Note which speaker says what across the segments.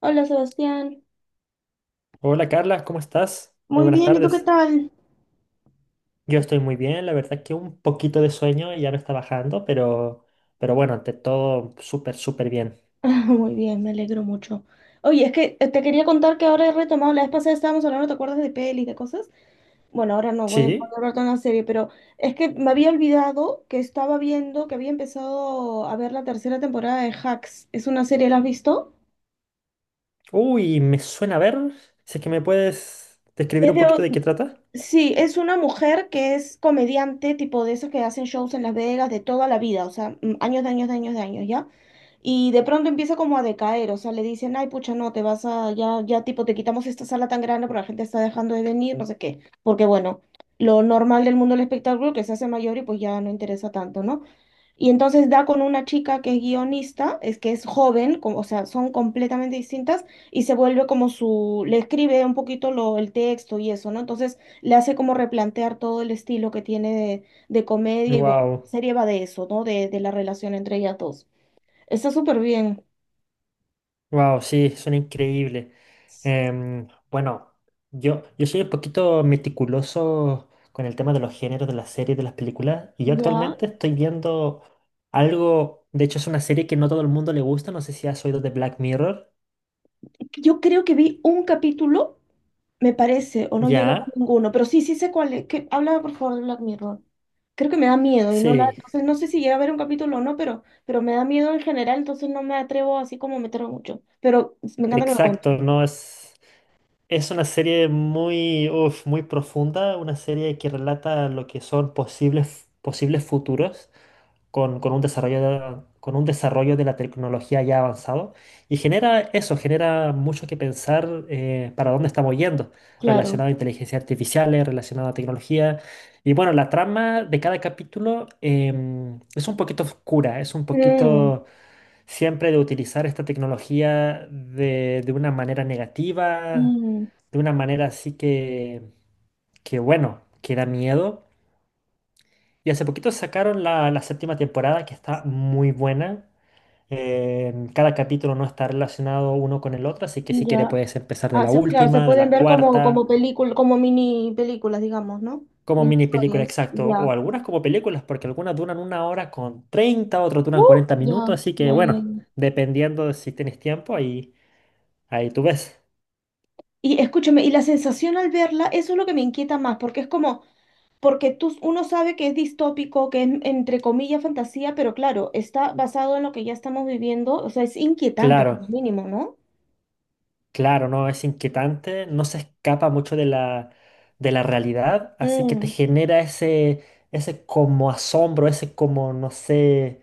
Speaker 1: Hola Sebastián.
Speaker 2: Hola Carla, ¿cómo estás? Muy
Speaker 1: Muy
Speaker 2: buenas
Speaker 1: bien, ¿y tú qué
Speaker 2: tardes.
Speaker 1: tal?
Speaker 2: Yo estoy muy bien, la verdad que un poquito de sueño y ya me está bajando, pero bueno, ante todo, súper, súper bien.
Speaker 1: Muy bien, me alegro mucho. Oye, es que te quería contar que ahora he retomado, la vez pasada estábamos hablando, ¿te acuerdas de pelis, de cosas? Bueno, ahora no voy, voy a
Speaker 2: ¿Sí?
Speaker 1: hablar de una serie, pero es que me había olvidado que estaba viendo, que había empezado a ver la tercera temporada de Hacks. ¿Es una serie, la has visto?
Speaker 2: Uy, me suena, a ver. Si es que me puedes describir
Speaker 1: Es
Speaker 2: un poquito de qué
Speaker 1: de,
Speaker 2: trata.
Speaker 1: sí, es una mujer que es comediante, tipo de esas que hacen shows en Las Vegas de toda la vida, o sea, años de años de años de años, ¿ya? Y de pronto empieza como a decaer, o sea, le dicen, ay, pucha, no, te vas a, ya, ya, tipo, te quitamos esta sala tan grande porque la gente está dejando de venir, no sé qué, porque bueno, lo normal del mundo del espectáculo que se hace mayor y pues ya no interesa tanto, ¿no? Y entonces da con una chica que es guionista, es que es joven, o sea, son completamente distintas, y se vuelve como su, le escribe un poquito lo, el texto y eso, ¿no? Entonces le hace como replantear todo el estilo que tiene de comedia y bueno, la
Speaker 2: Wow.
Speaker 1: serie va de eso, ¿no? De la relación entre ellas dos. Está súper bien.
Speaker 2: Wow, sí, son increíbles. Bueno, yo soy un poquito meticuloso con el tema de los géneros de las series, de las películas, y yo
Speaker 1: Ya,
Speaker 2: actualmente estoy viendo algo. De hecho, es una serie que no todo el mundo le gusta, no sé si has oído de Black Mirror.
Speaker 1: yo creo que vi un capítulo, me parece, o no llegué a ver
Speaker 2: Ya,
Speaker 1: ninguno, pero sí, sí sé cuál es. Que, háblame por favor de Black Mirror. Creo que me da miedo y no la,
Speaker 2: sí,
Speaker 1: entonces no sé si llega a ver un capítulo o no, pero me da miedo en general, entonces no me atrevo así como a meterme mucho. Pero me encanta que me lo
Speaker 2: exacto.
Speaker 1: cuenten.
Speaker 2: No es, es una serie muy, uf, muy profunda, una serie que relata lo que son posibles, posibles futuros, con un desarrollo de la tecnología ya avanzado, y genera eso, genera mucho que pensar, para dónde estamos yendo,
Speaker 1: Claro.
Speaker 2: relacionado a inteligencia artificial, relacionado a tecnología. Y bueno, la trama de cada capítulo, es un poquito oscura, es un
Speaker 1: Mm,
Speaker 2: poquito siempre de utilizar esta tecnología de una manera negativa,
Speaker 1: mm,
Speaker 2: de una manera así que bueno, que da miedo. Y hace poquito sacaron la séptima temporada, que está muy buena. Cada capítulo no está relacionado uno con el otro, así que si quieres
Speaker 1: ya.
Speaker 2: puedes empezar de la
Speaker 1: Claro, se
Speaker 2: última, de
Speaker 1: pueden
Speaker 2: la
Speaker 1: ver como, como
Speaker 2: cuarta,
Speaker 1: película, como mini películas, digamos, ¿no?
Speaker 2: como
Speaker 1: Mini
Speaker 2: mini película
Speaker 1: historias,
Speaker 2: exacto, o
Speaker 1: ya.
Speaker 2: algunas como películas, porque algunas duran una hora con 30, otras duran
Speaker 1: Uh,
Speaker 2: 40 minutos,
Speaker 1: ya,
Speaker 2: así que
Speaker 1: ya, ya,
Speaker 2: bueno,
Speaker 1: ya.
Speaker 2: dependiendo de si tienes tiempo, ahí tú ves.
Speaker 1: Y escúchame, y la sensación al verla, eso es lo que me inquieta más, porque es como, porque tú, uno sabe que es distópico, que es entre comillas fantasía, pero claro, está basado en lo que ya estamos viviendo, o sea, es inquietante como
Speaker 2: Claro.
Speaker 1: mínimo, ¿no?
Speaker 2: Claro, no, es inquietante, no se escapa mucho de la realidad, así que te
Speaker 1: Mm,
Speaker 2: genera ese como asombro, ese como, no sé,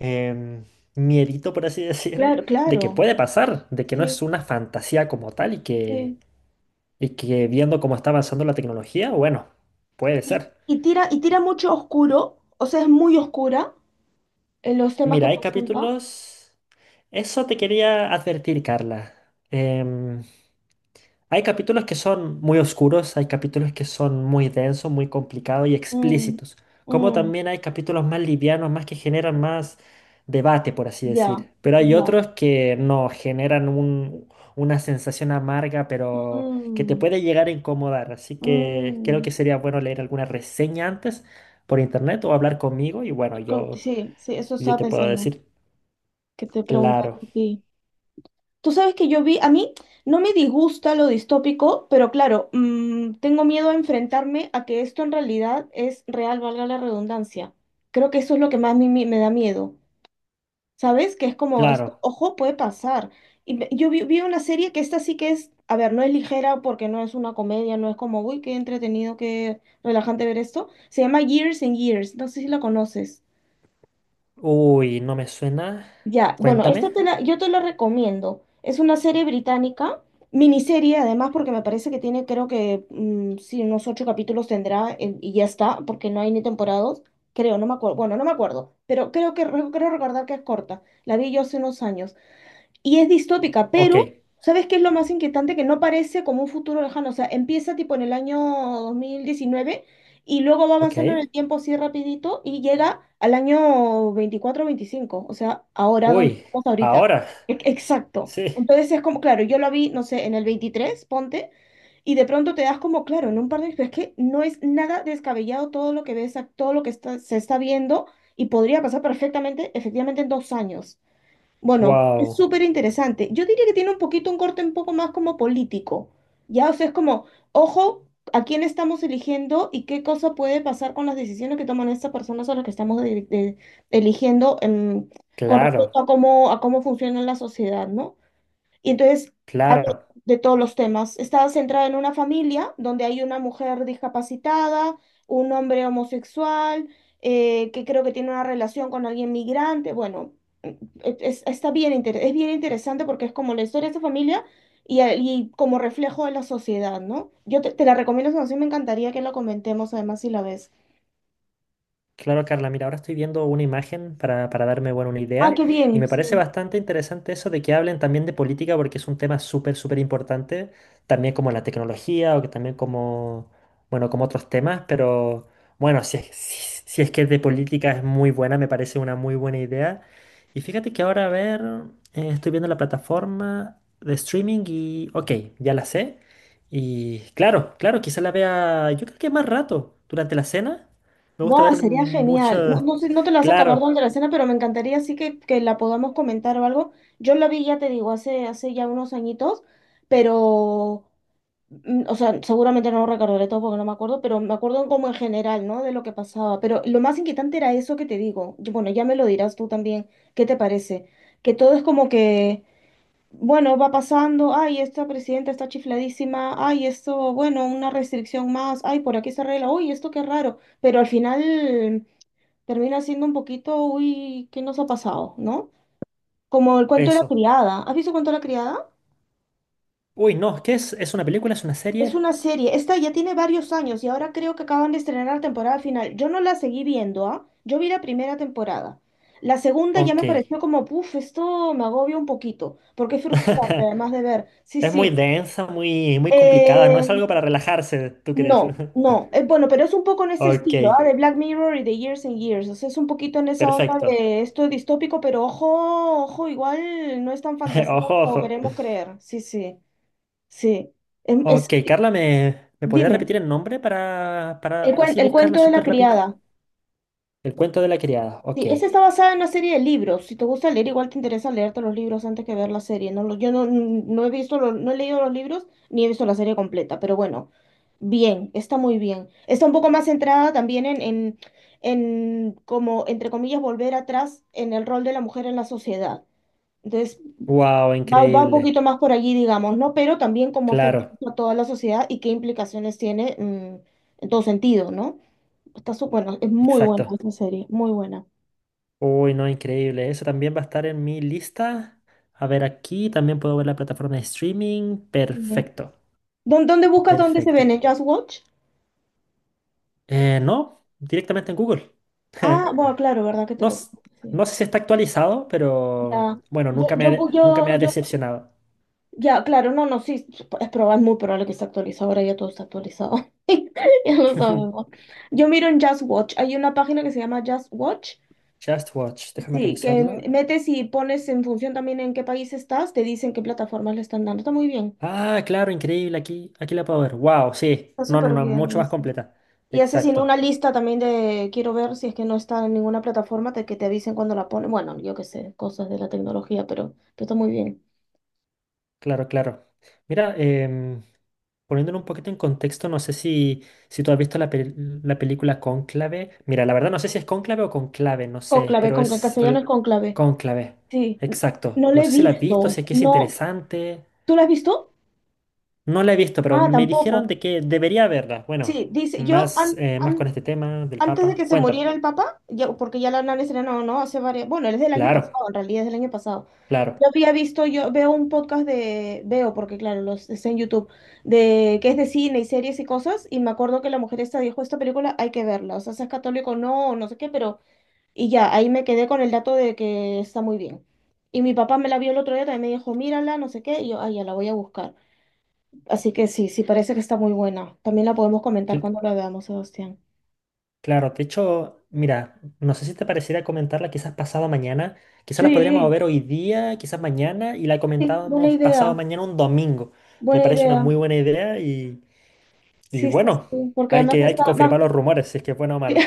Speaker 2: em, miedito, por así decir,
Speaker 1: claro,
Speaker 2: de que
Speaker 1: claro.
Speaker 2: puede pasar, de que no es
Speaker 1: Sí,
Speaker 2: una fantasía como tal, y que,
Speaker 1: sí.
Speaker 2: y que viendo cómo está avanzando la tecnología, bueno, puede
Speaker 1: Y,
Speaker 2: ser.
Speaker 1: y tira mucho oscuro, o sea, es muy oscura en los temas que
Speaker 2: Mira, hay
Speaker 1: presenta.
Speaker 2: capítulos... Eso te quería advertir, Carla. Em, Hay capítulos que son muy oscuros, hay capítulos que son muy densos, muy complicados y
Speaker 1: Mm,
Speaker 2: explícitos, como
Speaker 1: mm,
Speaker 2: también hay capítulos más livianos, más que generan más debate, por así
Speaker 1: ya,
Speaker 2: decir. Pero hay
Speaker 1: ya.
Speaker 2: otros que no generan una sensación amarga, pero que te
Speaker 1: Mm,
Speaker 2: puede llegar a incomodar. Así que creo
Speaker 1: mm.
Speaker 2: que sería bueno leer alguna reseña antes por internet o hablar conmigo y bueno, yo,
Speaker 1: Sí, sí, eso
Speaker 2: yo
Speaker 1: estaba
Speaker 2: te puedo
Speaker 1: pensando,
Speaker 2: decir,
Speaker 1: que te
Speaker 2: claro,
Speaker 1: preguntaría a ti. Tú sabes que yo vi, a mí no me disgusta lo distópico, pero claro, tengo miedo a enfrentarme a que esto en realidad es real, valga la redundancia. Creo que eso es lo que más a mí me da miedo. ¿Sabes? Que es como, esto,
Speaker 2: claro.
Speaker 1: ojo, puede pasar. Yo vi una serie que esta sí que es, a ver, no es ligera porque no es una comedia, no es como, uy, qué entretenido, qué relajante ver esto. Se llama Years and Years, no sé si la conoces.
Speaker 2: Uy, no me suena.
Speaker 1: Ya, bueno,
Speaker 2: Cuéntame.
Speaker 1: yo te la recomiendo. Es una serie británica, miniserie además, porque me parece que tiene, creo que, sí, unos 8 capítulos tendrá y ya está, porque no hay ni temporadas, creo, no me acuerdo, bueno, no me acuerdo, pero creo que, creo recordar que es corta. La vi yo hace unos años. Y es distópica,
Speaker 2: Ok,
Speaker 1: pero ¿sabes qué es lo más inquietante? Que no parece como un futuro lejano, o sea, empieza tipo en el año 2019 y luego va avanzando en
Speaker 2: ok.
Speaker 1: el tiempo así rapidito y llega al año 24 o 25, o sea, ahora donde
Speaker 2: Uy,
Speaker 1: estamos ahorita.
Speaker 2: ahora,
Speaker 1: Exacto.
Speaker 2: sí.
Speaker 1: Entonces es como, claro, yo lo vi, no sé, en el 23, ponte, y de pronto te das como, claro, en un par de pero es que no es nada descabellado todo lo que ves, todo lo que se está viendo y podría pasar perfectamente, efectivamente, en 2 años. Bueno, es
Speaker 2: Wow,
Speaker 1: súper interesante. Yo diría que tiene un poquito un corte un poco más como político. Ya, o sea, es como, ojo, a quién estamos eligiendo y qué cosa puede pasar con las decisiones que toman estas personas a las que estamos eligiendo con respecto
Speaker 2: claro,
Speaker 1: a cómo funciona la sociedad, ¿no? Y entonces habla
Speaker 2: claro.
Speaker 1: de todos los temas. Está centrada en una familia donde hay una mujer discapacitada, un hombre homosexual, que creo que tiene una relación con alguien migrante. Bueno, e- es, es bien interesante porque es como la historia de esta familia y como reflejo de la sociedad, ¿no? Yo te la recomiendo, esa me encantaría que la comentemos además si la ves.
Speaker 2: Claro, Carla, mira, ahora estoy viendo una imagen para darme, bueno, una
Speaker 1: Ah,
Speaker 2: idea,
Speaker 1: qué
Speaker 2: y
Speaker 1: bien,
Speaker 2: me parece
Speaker 1: sí.
Speaker 2: bastante interesante eso de que hablen también de política, porque es un tema súper, súper importante, también como la tecnología, o que también como, bueno, como otros temas, pero bueno, si es que de política es muy buena, me parece una muy buena idea. Y fíjate que ahora, a ver, estoy viendo la plataforma de streaming y, ok, ya la sé. Y claro, claro, quizá la vea, yo creo que más rato, durante la cena. Me gusta
Speaker 1: Guau,
Speaker 2: ver
Speaker 1: sería
Speaker 2: mucho...
Speaker 1: genial. No, no sé, no te la vas a acabar
Speaker 2: Claro,
Speaker 1: durante la cena, pero me encantaría así que la podamos comentar o algo. Yo la vi, ya te digo, hace ya unos añitos, pero, o sea, seguramente no lo recordaré todo porque no me acuerdo, pero me acuerdo como en general, ¿no? De lo que pasaba. Pero lo más inquietante era eso que te digo. Yo. Bueno, ya me lo dirás tú también. ¿Qué te parece? Que todo es como que, bueno, va pasando, ay, esta presidenta está chifladísima, ay, esto, bueno, una restricción más, ay, por aquí se arregla, uy, esto qué raro pero al final termina siendo un poquito, uy, ¿qué nos ha pasado? ¿No? Como el cuento de la
Speaker 2: eso.
Speaker 1: criada. ¿Has visto el cuento de la criada?
Speaker 2: Uy, no, ¿qué es? ¿Es una película? ¿Es una
Speaker 1: Es
Speaker 2: serie?
Speaker 1: una serie. Esta ya tiene varios años y ahora creo que acaban de estrenar la temporada final. Yo no la seguí viendo, ¿ah? Yo vi la primera temporada. La segunda ya
Speaker 2: Ok.
Speaker 1: me pareció como, puf, esto me agobia un poquito, porque es frustrante además de ver. Sí,
Speaker 2: Es muy
Speaker 1: sí.
Speaker 2: densa, muy, muy complicada. No es
Speaker 1: Eh,
Speaker 2: algo para relajarse, ¿tú crees?
Speaker 1: no, no, es bueno, pero es un poco en ese
Speaker 2: Ok,
Speaker 1: estilo, ¿ah? De Black Mirror y de Years and Years. O sea, es un poquito en esa onda
Speaker 2: perfecto.
Speaker 1: de esto distópico, pero ojo, ojo, igual no es tan fantasía
Speaker 2: Ojo,
Speaker 1: como
Speaker 2: ojo.
Speaker 1: queremos creer. Sí, sí, sí. Em- Es,
Speaker 2: Ok, Carla, ¿me podría
Speaker 1: dime,
Speaker 2: repetir el nombre para así
Speaker 1: el
Speaker 2: buscarla
Speaker 1: cuento de la
Speaker 2: súper rápido?
Speaker 1: criada.
Speaker 2: El cuento de la criada. Ok.
Speaker 1: Sí, esa está basada en una serie de libros. Si te gusta leer, igual te interesa leerte los libros antes que ver la serie. Yo no, no he visto, no he leído los libros ni he visto la serie completa, pero bueno, bien, está muy bien. Está un poco más centrada también en como, entre comillas, volver atrás en el rol de la mujer en la sociedad. Entonces,
Speaker 2: Wow,
Speaker 1: va un
Speaker 2: increíble.
Speaker 1: poquito más por allí, digamos, ¿no? Pero también cómo afecta
Speaker 2: Claro,
Speaker 1: a toda la sociedad y qué implicaciones tiene, en todo sentido, ¿no? Está su, bueno, es muy buena
Speaker 2: exacto.
Speaker 1: esa serie, muy buena.
Speaker 2: Uy, no, increíble. Eso también va a estar en mi lista. A ver, aquí también puedo ver la plataforma de streaming. Perfecto,
Speaker 1: ¿Dónde buscas dónde se ven?
Speaker 2: perfecto.
Speaker 1: ¿En Just Watch?
Speaker 2: No, directamente en Google.
Speaker 1: Ah, bueno, claro, ¿verdad que te
Speaker 2: No,
Speaker 1: lo...
Speaker 2: s-
Speaker 1: sí.
Speaker 2: no sé si está actualizado, pero
Speaker 1: Ya.
Speaker 2: bueno,
Speaker 1: Yo,
Speaker 2: nunca me
Speaker 1: yo,
Speaker 2: ha, de-
Speaker 1: bu- yo,
Speaker 2: nunca me ha
Speaker 1: yo-
Speaker 2: decepcionado.
Speaker 1: ya, claro, no, no, sí, es probable, muy probable que esté actualizado, ahora ya todo está actualizado, ya lo sabemos. Yo miro en Just Watch, hay una página que se llama Just Watch,
Speaker 2: Just Watch, déjame
Speaker 1: sí,
Speaker 2: revisarla.
Speaker 1: que metes y pones en función también en qué país estás, te dicen qué plataformas le están dando, está muy bien,
Speaker 2: Ah, claro, increíble, aquí la puedo ver. Wow, sí.
Speaker 1: está
Speaker 2: No, no,
Speaker 1: súper
Speaker 2: no, mucho
Speaker 1: bien.
Speaker 2: más completa.
Speaker 1: Y haces sino
Speaker 2: Exacto.
Speaker 1: una lista también de, quiero ver si es que no está en ninguna plataforma, te, que te avisen cuando la ponen. Bueno, yo qué sé, cosas de la tecnología, pero está muy bien.
Speaker 2: Claro, claro. Mira, poniéndolo un poquito en contexto, no sé si tú has visto la, la película Cónclave. Mira, la verdad no sé si es Cónclave o Conclave, no sé,
Speaker 1: Conclave,
Speaker 2: pero
Speaker 1: conclave, castellano es conclave.
Speaker 2: Cónclave.
Speaker 1: Sí,
Speaker 2: Exacto.
Speaker 1: no lo
Speaker 2: No
Speaker 1: he
Speaker 2: sé si la has visto,
Speaker 1: visto.
Speaker 2: si es que es
Speaker 1: No,
Speaker 2: interesante.
Speaker 1: ¿tú lo has visto?
Speaker 2: No la he visto, pero
Speaker 1: Ah,
Speaker 2: me dijeron
Speaker 1: tampoco.
Speaker 2: de que debería verla. Bueno,
Speaker 1: Sí, dice,
Speaker 2: más, más con este tema del
Speaker 1: antes de
Speaker 2: Papa.
Speaker 1: que se
Speaker 2: Cuéntame.
Speaker 1: muriera el papá, yo, porque ya la nana era no, no, hace varias, bueno, es del año
Speaker 2: Claro,
Speaker 1: pasado, en realidad es del año pasado. Yo
Speaker 2: claro.
Speaker 1: había visto, yo veo un podcast de, veo, porque claro, los está en YouTube, de que es de cine y series y cosas, y me acuerdo que la mujer esta dijo, esta película hay que verla, o sea, seas católico o no sé qué, pero, y ya, ahí me quedé con el dato de que está muy bien. Y mi papá me la vio el otro día, también me dijo, mírala, no sé qué, y yo, ay, ya la voy a buscar. Así que sí, sí, parece que está muy buena. También la podemos comentar cuando la veamos, Sebastián.
Speaker 2: Claro, de hecho, mira, no sé si te pareciera comentarla quizás pasado mañana, quizás la podríamos
Speaker 1: Sí.
Speaker 2: ver hoy día, quizás mañana, y la
Speaker 1: Sí, buena
Speaker 2: comentábamos pasado
Speaker 1: idea,
Speaker 2: mañana, un domingo. Me
Speaker 1: buena
Speaker 2: parece una
Speaker 1: idea.
Speaker 2: muy buena idea y
Speaker 1: Sí, sí,
Speaker 2: bueno,
Speaker 1: sí, porque además
Speaker 2: hay que
Speaker 1: está más
Speaker 2: confirmar los rumores, si es que es buena o mala.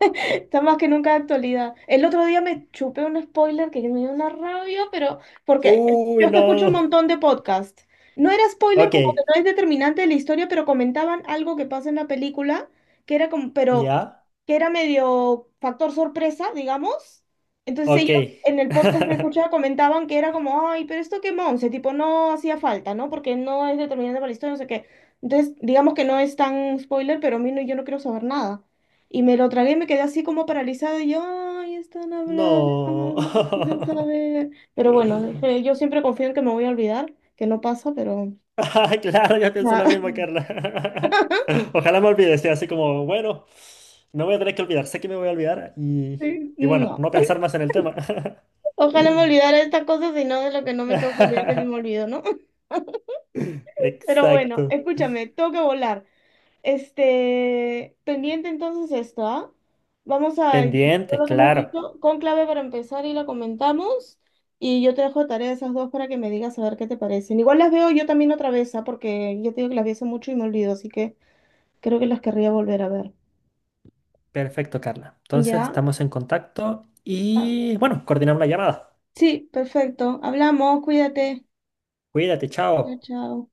Speaker 1: está más que nunca de actualidad. El otro día me chupé un spoiler que me dio una rabia, pero porque
Speaker 2: Uy,
Speaker 1: yo es que escucho un
Speaker 2: no.
Speaker 1: montón de podcasts. No era spoiler
Speaker 2: Ok,
Speaker 1: como que no es determinante de la historia, pero comentaban algo que pasa en la película, que era como, pero
Speaker 2: ya,
Speaker 1: que era medio factor sorpresa, digamos. Entonces
Speaker 2: ok,
Speaker 1: ellos en el podcast que escuchaba comentaban que era como, ay, pero esto qué monse, tipo, no hacía falta, ¿no? Porque no es determinante para la historia, no sé qué. Entonces, digamos que no es tan spoiler, pero a mí no, yo no quiero saber nada. Y me lo tragué y me quedé así como paralizada. Y yo, ay, están hablando,
Speaker 2: no.
Speaker 1: quiero saber. Pero bueno, dije, yo siempre confío en que me voy a olvidar, que no pasa, pero.
Speaker 2: Ah, claro, yo pienso
Speaker 1: Ah,
Speaker 2: lo mismo, Carla. Ojalá me olvide, sea así como, bueno, me voy a tener que olvidar, sé que me voy a olvidar
Speaker 1: sí,
Speaker 2: y bueno,
Speaker 1: no.
Speaker 2: no pensar más en el tema.
Speaker 1: Ojalá me olvidara de estas cosas y no de lo que no me tengo que olvidar que se me olvidó, ¿no? Pero bueno,
Speaker 2: Exacto.
Speaker 1: escúchame, tengo que volar. Este, pendiente entonces esto, ¿ah? Vamos a incorporar
Speaker 2: Pendiente,
Speaker 1: lo que hemos
Speaker 2: claro.
Speaker 1: dicho, con conclave para empezar y la comentamos. Y yo te dejo de tarea esas dos para que me digas a ver qué te parecen. Igual las veo yo también otra vez, ¿ah? Porque yo te digo que las vi hace mucho y me olvido, así que creo que las querría volver a ver.
Speaker 2: Perfecto, Carla. Entonces
Speaker 1: ¿Ya?
Speaker 2: estamos en contacto
Speaker 1: Ah,
Speaker 2: y bueno, coordinamos la llamada.
Speaker 1: sí, perfecto. Hablamos, cuídate.
Speaker 2: Cuídate,
Speaker 1: Chao,
Speaker 2: chao.
Speaker 1: chao.